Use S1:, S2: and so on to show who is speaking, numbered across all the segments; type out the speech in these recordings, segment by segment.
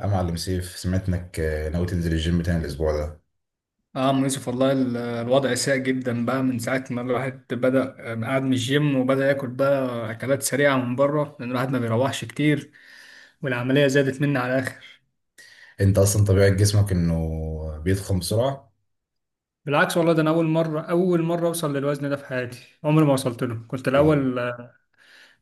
S1: يا معلم سيف، سمعت انك ناوي تنزل الجيم تاني الاسبوع ده.
S2: اه أم يوسف، والله الوضع سيء جدا بقى من ساعة ما الواحد بدأ، قاعد من الجيم وبدأ ياكل بقى أكلات سريعة من بره لأن الواحد ما بيروحش كتير والعملية زادت مني على الآخر.
S1: انت اصلا طبيعة جسمك انه بيضخم بسرعة.
S2: بالعكس والله، ده أنا أول مرة أوصل للوزن ده في حياتي، عمري ما وصلت له. كنت
S1: ايه؟
S2: الأول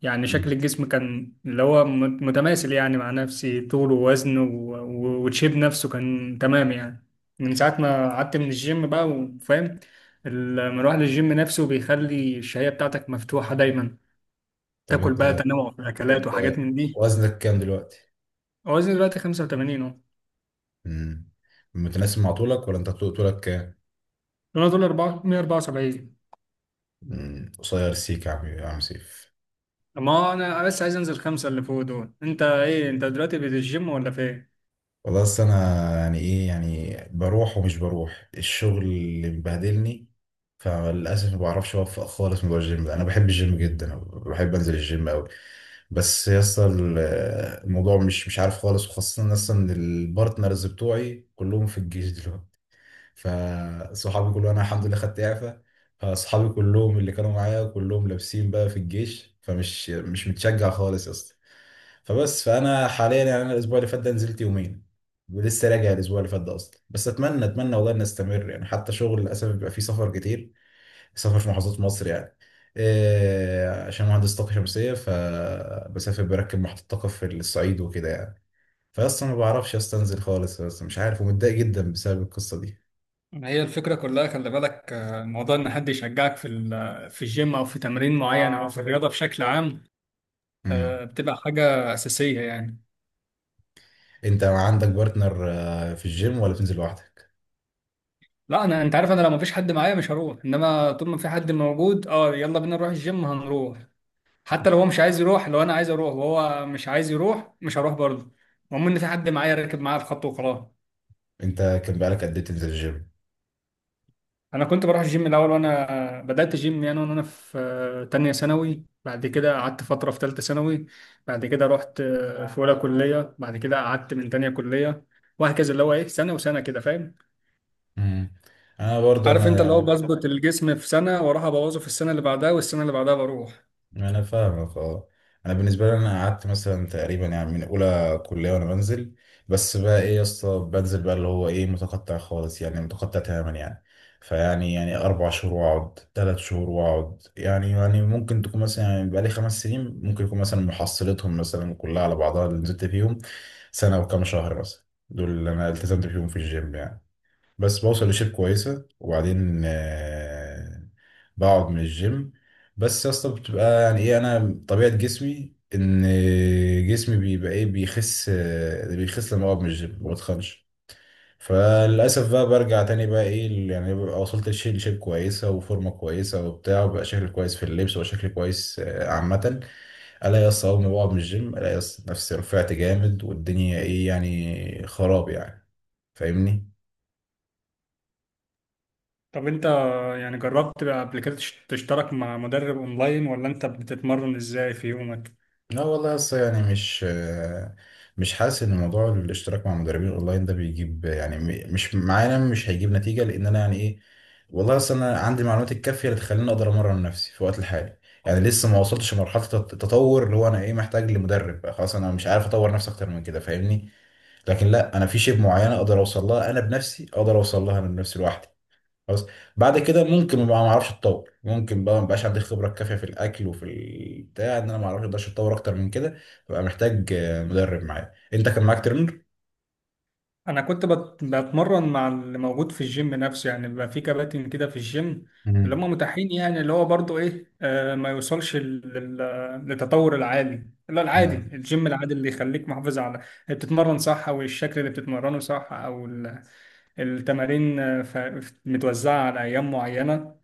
S2: يعني شكل
S1: مم.
S2: الجسم كان اللي هو متماثل يعني مع نفسي، طول ووزن وتشيب نفسه كان تمام يعني. من ساعة ما قعدت من الجيم بقى، وفاهم المروح للجيم نفسه بيخلي الشهية بتاعتك مفتوحة دايما،
S1: طب
S2: تاكل بقى
S1: انت
S2: تنوع في الاكلات
S1: انت
S2: وحاجات من دي.
S1: وزنك كام دلوقتي؟
S2: وزني دلوقتي 85 اهو.
S1: مم. متناسب مع طولك ولا انت طولك كام؟
S2: انا دول 4 174.
S1: مم. قصير سيك يا عم، يا عم سيف.
S2: ما انا بس عايز انزل خمسة اللي فوق دول. انت ايه، انت دلوقتي في الجيم ولا فين؟
S1: والله اصل انا يعني ايه، يعني بروح ومش بروح، الشغل اللي مبهدلني. فللاسف ما بعرفش اوفق خالص موضوع الجيم ده. انا بحب الجيم جدا، بحب انزل الجيم قوي، بس يا اسطى الموضوع مش عارف خالص. وخاصه اصلا ان البارتنرز بتوعي كلهم في الجيش دلوقتي. فصحابي كلهم، انا الحمد لله خدت اعفاء، فصحابي كلهم اللي كانوا معايا كلهم لابسين بقى في الجيش، فمش مش متشجع خالص يا اسطى. فبس فانا حاليا يعني، انا الاسبوع اللي فات ده نزلت يومين، ولسه راجع الاسبوع اللي فات ده اصلا. بس اتمنى، اتمنى والله، ان استمر يعني. حتى شغل للاسف بيبقى فيه سفر كتير، سفر في محافظات مصر يعني. إيه، عشان مهندس طاقه شمسيه، فبسافر بركب محطه طاقه في الصعيد وكده يعني. فاصلا ما بعرفش استنزل خالص، بس مش عارف ومتضايق جدا بسبب القصه دي.
S2: ما هي الفكرة كلها، خلي بالك، الموضوع إن حد يشجعك في في الجيم أو في تمرين معين أو في الرياضة بشكل عام
S1: امم.
S2: بتبقى حاجة أساسية يعني.
S1: انت عندك بارتنر في الجيم ولا بتنزل لوحدك؟
S2: لا، أنا أنت عارف، أنا لو مفيش حد معايا مش هروح، إنما طول ما في حد موجود أه يلا بينا نروح الجيم هنروح. حتى لو هو مش عايز يروح، لو انا عايز اروح وهو مش عايز يروح مش هروح برضه. المهم ان في حد معايا راكب معايا الخط وخلاص.
S1: انت كان بقالك قد ايه تنزل الجيم؟
S2: انا كنت بروح الجيم الاول وانا بدات جيم يعني، وانا في تانية ثانوي، بعد كده قعدت فتره في تالتة ثانوي، بعد كده رحت في اولى كليه، بعد كده قعدت من تانية كليه، وهكذا اللي هو ايه، سنه وسنه كده فاهم.
S1: امم. انا برضو
S2: عارف انت، اللي هو
S1: انا
S2: بظبط الجسم في سنه واروح ابوظه في السنه اللي بعدها، والسنه اللي بعدها بروح.
S1: انا فاهمك، اه. انا بالنسبه لي، انا قعدت مثلا تقريبا يعني من اولى كليه وانا بنزل، بس بقى ايه يا اسطى، بنزل بقى اللي هو ايه، متقطع خالص يعني، متقطع تماما يعني. فيعني اربع شهور واقعد، ثلاث شهور واقعد. يعني يعني ممكن تكون مثلا يعني بقى لي خمس سنين، ممكن يكون مثلا محصلتهم مثلا كلها على بعضها اللي نزلت فيهم سنه وكام شهر مثلا. دول اللي انا التزمت فيهم في الجيم يعني. بس بوصل لشيب كويسة وبعدين بقعد من الجيم. بس يا اسطى، بتبقى يعني ايه، انا طبيعة جسمي ان جسمي بيبقى ايه، بيخس، بيخس لما بقعد من الجيم، ما بتخنش. فللأسف بقى برجع تاني بقى ايه يعني، ببقى وصلت لشيب، لشيب كويسة وفورمة كويسة وبتاع، وبقى شكل كويس في اللبس، وبقى شكل كويس عامة. الاقي يا اسطى، اول ما بقعد من الجيم، الاقي يا اسطى نفسي رفعت جامد، والدنيا ايه يعني، خراب يعني. فاهمني.
S2: طب انت يعني جربت بقى قبل كده تشترك مع مدرب اونلاين، ولا انت بتتمرن ازاي في يومك؟
S1: لا والله لسه يعني، مش حاسس ان موضوع الاشتراك مع مدربين اونلاين ده بيجيب يعني، مش معانا، مش هيجيب نتيجه، لان انا يعني ايه، والله اصل انا عندي المعلومات الكافيه اللي تخليني اقدر امرن نفسي في الوقت الحالي. يعني لسه ما وصلتش لمرحله التطور اللي هو انا ايه، محتاج لمدرب بقى خلاص، انا مش عارف اطور نفسي اكتر من كده فاهمني. لكن لا، انا في شيء معينه اقدر اوصل لها انا بنفسي، اقدر اوصل لها انا بنفسي لوحدي، خلاص. بعد كده ممكن بقى ما اعرفش اتطور، ممكن بقى ما بقاش عندي الخبره الكافيه في الاكل وفي البتاع، ان انا ما اعرفش اقدرش اتطور اكتر من كده، ببقى محتاج مدرب معايا. انت كان معاك ترينر؟
S2: انا كنت بتمرن مع اللي موجود في الجيم نفسه يعني، بيبقى في كباتن كده في الجيم، اللي
S1: مم.
S2: هم متاحين يعني، اللي هو برضو ايه ما يوصلش للتطور العالي، لا، العادي،
S1: اه.
S2: الجيم العادي اللي يخليك محافظ على بتتمرن صح، او الشكل اللي بتتمرنه صح، او التمارين متوزعة على ايام معينة،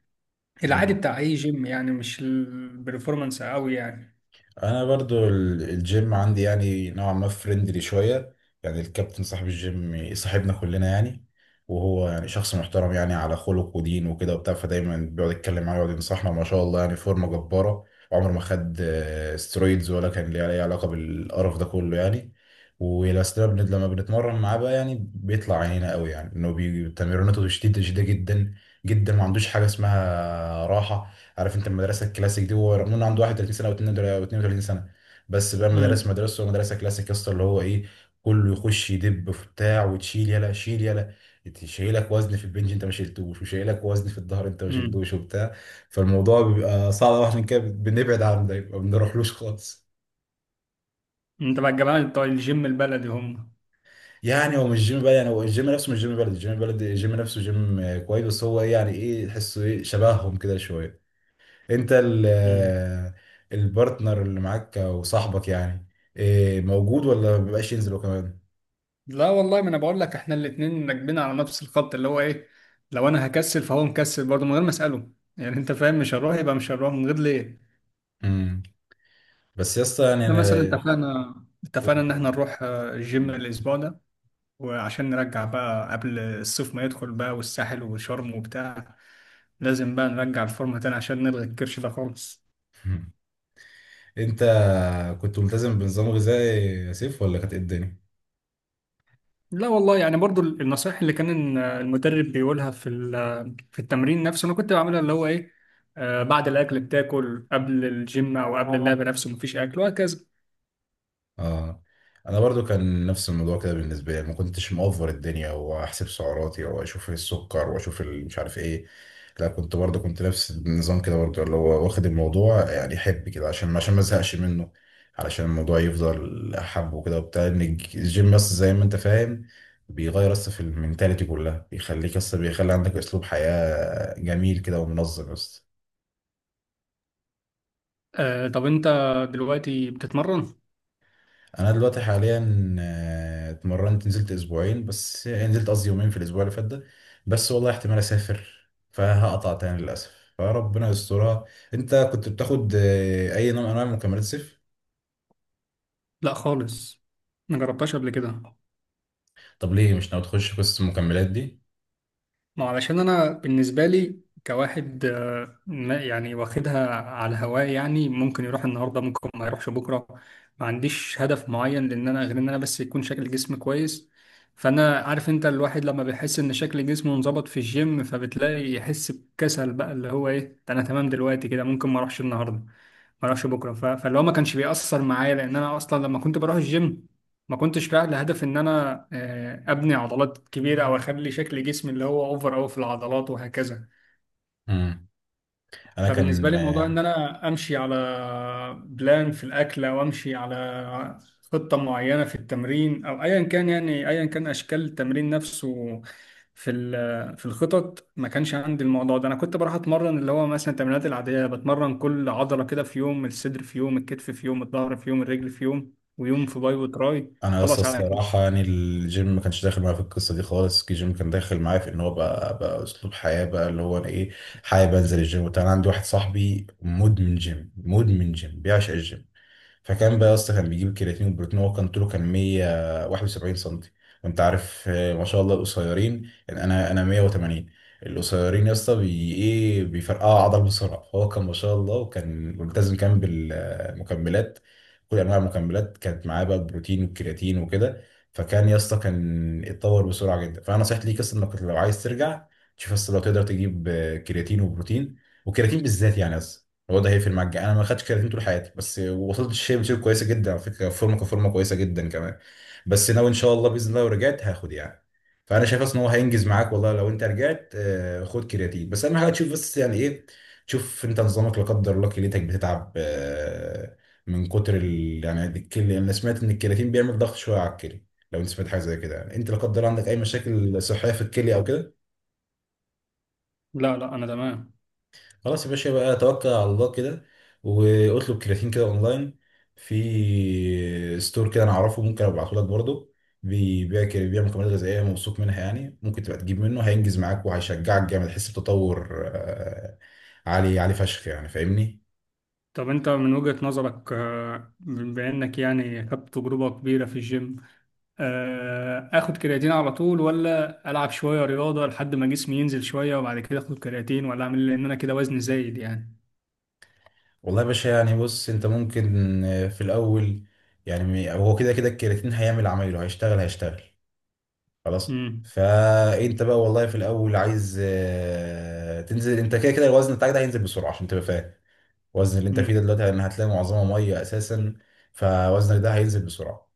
S2: العادي
S1: مم.
S2: بتاع اي جيم يعني، مش البرفورمانس قوي يعني.
S1: انا برضو الجيم عندي يعني نوعا ما فريندلي شويه. يعني الكابتن صاحب الجيم صاحبنا كلنا يعني. وهو يعني شخص محترم يعني، على خلق ودين وكده وبتاع، فدايما بيقعد يتكلم معايا ويقعد ينصحنا، ما شاء الله يعني فورمه جباره، وعمره ما خد سترويدز ولا كان ليه اي علاقه بالقرف ده كله يعني. ولما لما بنتمرن معاه بقى يعني بيطلع عينينا قوي يعني، انه تمريناته شديده جدا جدا، ما عندوش حاجه اسمها راحه. عارف انت المدرسه الكلاسيك دي. هو رغم انه عنده 31 سنه او 32 سنه، بس بقى مدرسه،
S2: امم.
S1: مدرسه كلاسيك يا اسطى اللي هو ايه، كله يخش يدب في بتاع، وتشيل يلا، شيل يلا، شايلك وزن في البنج انت ما شلتوش، وشايلك وزن في الظهر انت ما
S2: امم.
S1: شلتوش، وبتاع. فالموضوع بيبقى صعب قوي، عشان كده بنبعد عنه، ده ما بنروحلوش خالص.
S2: انت بقى الجماعه بتوع الجيم البلدي هم؟
S1: يعني هو مش جيم بلد، يعني هو الجيم نفسه مش جيم بلد، الجيم بلد، الجيم نفسه جيم كويس، بس هو إيه، يعني ايه، تحسه ايه، شبههم كده شويه. انت
S2: امم.
S1: البارتنر اللي معاك او صاحبك يعني، إيه، موجود ولا مبيبقاش ينزلوا كمان؟
S2: لا والله، ما انا بقول لك، احنا الاتنين راكبين على نفس الخط، اللي هو ايه، لو انا هكسل فهو مكسل برضه من غير ما اساله، يعني انت فاهم. مش هنروح يبقى مش هنروح من غير ليه.
S1: امم. بس يا اسطى يعني
S2: احنا مثلا
S1: انا
S2: اتفقنا ان احنا نروح الجيم الاسبوع ده، وعشان نرجع بقى قبل الصيف ما يدخل بقى، والساحل وشرم وبتاع، لازم بقى نرجع الفورمه تاني عشان نلغي الكرش ده خالص.
S1: مم. انت كنت ملتزم بنظام غذائي يا سيف ولا كانت ايه الدنيا؟
S2: لا والله، يعني برضو النصائح اللي كان المدرب بيقولها في في التمرين نفسه انا كنت بعملها، اللي هو ايه، آه بعد الاكل بتاكل قبل الجيم، او قبل اللعب نفسه مفيش اكل، وهكذا.
S1: اه. انا برضو كان نفس الموضوع كده بالنسبه لي، ما كنتش مأفور الدنيا واحسب سعراتي واشوف السكر واشوف مش عارف ايه. لا، كنت برضو، كنت نفس النظام كده برضو اللي هو واخد الموضوع يعني حب كده، عشان ما ازهقش منه، علشان الموضوع يفضل احبه كده وبتاع. ان الجيم بس زي ما انت فاهم بيغير اصلا في المينتاليتي كلها، بيخليك اصلا، بيخلي عندك اسلوب حياه جميل كده ومنظم. بس
S2: آه طب انت دلوقتي بتتمرن؟
S1: انا دلوقتي حاليا اتمرنت، نزلت اسبوعين بس يعني، نزلت قصدي يومين في الاسبوع اللي فات ده. بس والله احتمال اسافر فهقطع تاني للاسف، فربنا يسترها. انت كنت بتاخد اي نوع من انواع مكملات صيف؟
S2: لا خالص، ما جربتهاش قبل كده.
S1: طب ليه مش ناوي تخش قصه المكملات دي؟
S2: ما علشان انا بالنسبه لي كواحد يعني واخدها على هواه يعني، ممكن يروح النهارده ممكن ما يروحش بكره، ما عنديش هدف معين، لان انا غير ان انا بس يكون شكل جسمي كويس. فانا عارف انت، الواحد لما بيحس ان شكل جسمه انظبط في الجيم، فبتلاقي يحس بكسل بقى، اللي هو ايه ده، انا تمام دلوقتي كده، ممكن ما اروحش النهارده ما اروحش بكره فاللي هو ما كانش بيأثر معايا، لان انا اصلا لما كنت بروح الجيم ما كنتش رايح لهدف ان انا ابني عضلات كبيره، او اخلي شكل جسمي اللي هو اوفر اوي في العضلات وهكذا.
S1: مم. انا
S2: فبالنسبة لي،
S1: كان
S2: موضوع إن أنا أمشي على بلان في الأكل، أو أمشي على خطة معينة في التمرين، أو أيا كان يعني، أيا كان أشكال التمرين نفسه في في الخطط، ما كانش عندي الموضوع ده. أنا كنت بروح أتمرن اللي هو مثلا التمرينات العادية، بتمرن كل عضلة كده في يوم، الصدر في يوم، الكتف في يوم، الظهر في يوم، الرجل في يوم، ويوم في باي وتراي،
S1: انا لسه
S2: خلاص على كده.
S1: الصراحه يعني، الجيم ما كانش داخل معايا في القصه دي خالص. الجيم كان داخل معايا في ان هو بقى، بقى اسلوب حياه بقى اللي هو انا ايه، حابب انزل الجيم وبتاع. انا عندي واحد صاحبي مدمن جيم، مدمن جيم بيعشق الجيم. فكان بقى يا اسطى كان بيجيب الكرياتين والبروتين. هو كان طوله كان 171 سنتي، وانت عارف ما شاء الله القصيرين يعني، انا 180. القصيرين يا اسطى بي ايه، بيفرقعوا عضل بسرعه. فهو كان ما شاء الله وكان ملتزم كان بالمكملات، كل انواع المكملات كانت معاه بقى، البروتين والكرياتين وكده. فكان يا اسطى كان اتطور بسرعه جدا. فانا نصيحتي ليك اصلا انك لو عايز ترجع، تشوف اصلا لو تقدر تجيب كرياتين وبروتين، والكرياتين بالذات يعني هو ده هيقفل معاك. انا ما خدتش كرياتين طول حياتي، بس وصلت الشيب، شيب كويسه جدا على فكره، فورمه كفورمه كويسه جدا كمان. بس ناوي ان شاء الله باذن الله لو رجعت هاخد يعني. فانا شايف اصلا ان هو هينجز معاك والله. لو انت رجعت خد كرياتين، بس اهم حاجه تشوف بس يعني ايه، تشوف انت نظامك لا قدر الله كليتك بتتعب من كتر ال... يعني الكلي... انا سمعت ان الكرياتين بيعمل ضغط شويه على الكلي. لو انت سمعت حاجه زي كده يعني، انت لا قدر الله عندك اي مشاكل صحيه في الكلي او كده؟
S2: لا، لا، أنا تمام.
S1: خلاص يا باشا، بقى توكل على الله كده، واطلب كرياتين كده اونلاين. في ستور كده انا اعرفه ممكن ابعته لك برضه، بيبيع كده، بيبيع مكملات غذائيه موثوق منها يعني، ممكن تبقى تجيب منه، هينجز معاك وهيشجعك جامد، تحس بتطور آه، عالي، عالي فشخ يعني، فاهمني.
S2: طب أنت من وجهة نظرك، بما إنك يعني خدت تجربة كبيرة في الجيم، اخد كرياتين على طول، ولا العب شويه رياضه لحد ما جسمي ينزل شويه وبعد كده اخد كرياتين، ولا اعمل إيه؟ لان انا كده وزني زايد يعني.
S1: والله يا باشا يعني بص، انت ممكن في الاول يعني، هو كده كده الكرياتين هيعمل عمايله، هيشتغل، خلاص.
S2: امم.
S1: فانت بقى والله في الاول عايز تنزل، انت كده كده الوزن بتاعك ده هينزل بسرعه، عشان تبقى فاهم الوزن اللي انت فيه
S2: امم.
S1: ده دلوقتي، لان هتلاقي معظمه ميه اساسا. فوزنك ده هينزل بسرعه.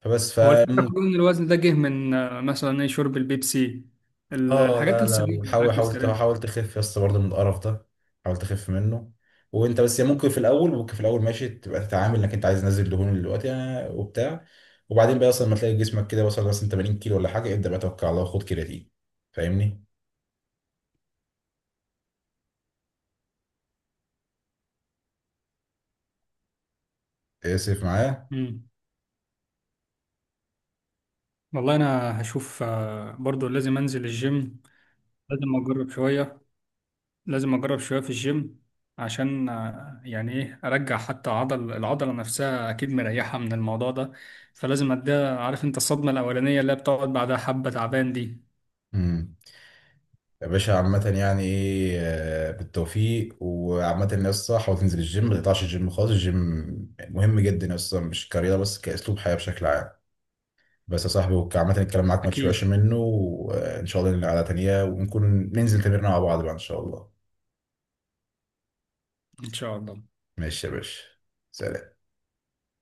S1: فبس ف
S2: هو الفكره كلها ان الوزن ده جه من مثلا ايه، شرب البيبسي، ال-
S1: اه
S2: الحاجات
S1: لا لا،
S2: السليمه،
S1: وحاول،
S2: الاكل
S1: حاول
S2: السليم.
S1: حاول تخف يا اسطى برضه من القرف ده، حاول تخف منه. وانت بس ممكن في الاول، ممكن في الاول ماشي، تبقى تتعامل انك انت عايز نازل دهون دلوقتي وبتاع. وبعدين بقى اصلا ما تلاقي جسمك كده وصل مثلا 80 كيلو ولا حاجه، ابدا بقى توكل على الله وخد كرياتين. فاهمني؟ اسف معايا.
S2: امم. والله انا هشوف برضو لازم انزل الجيم، لازم اجرب شويه، لازم اجرب شويه في الجيم، عشان يعني ايه، ارجع حتى عضل، العضله نفسها اكيد مريحه من الموضوع ده، فلازم اديها. عارف انت، الصدمه الاولانيه اللي هي بتقعد بعدها حبه تعبان دي.
S1: امم. يا باشا عامة يعني ايه، بالتوفيق. وعامة يا اسطى، حاول تنزل الجيم، ما تقطعش الجيم خالص. الجيم مهم جدا يا اسطى، مش كرياضة بس، كأسلوب حياة بشكل عام. بس يا صاحبي عامة الكلام معاك ما
S2: اكيد.
S1: تشبعش منه، وإن شاء الله لنا قعدة تانية ونكون ننزل تمرين مع بعض بقى إن شاء الله.
S2: ان شاء الله.
S1: ماشي يا باشا، سلام.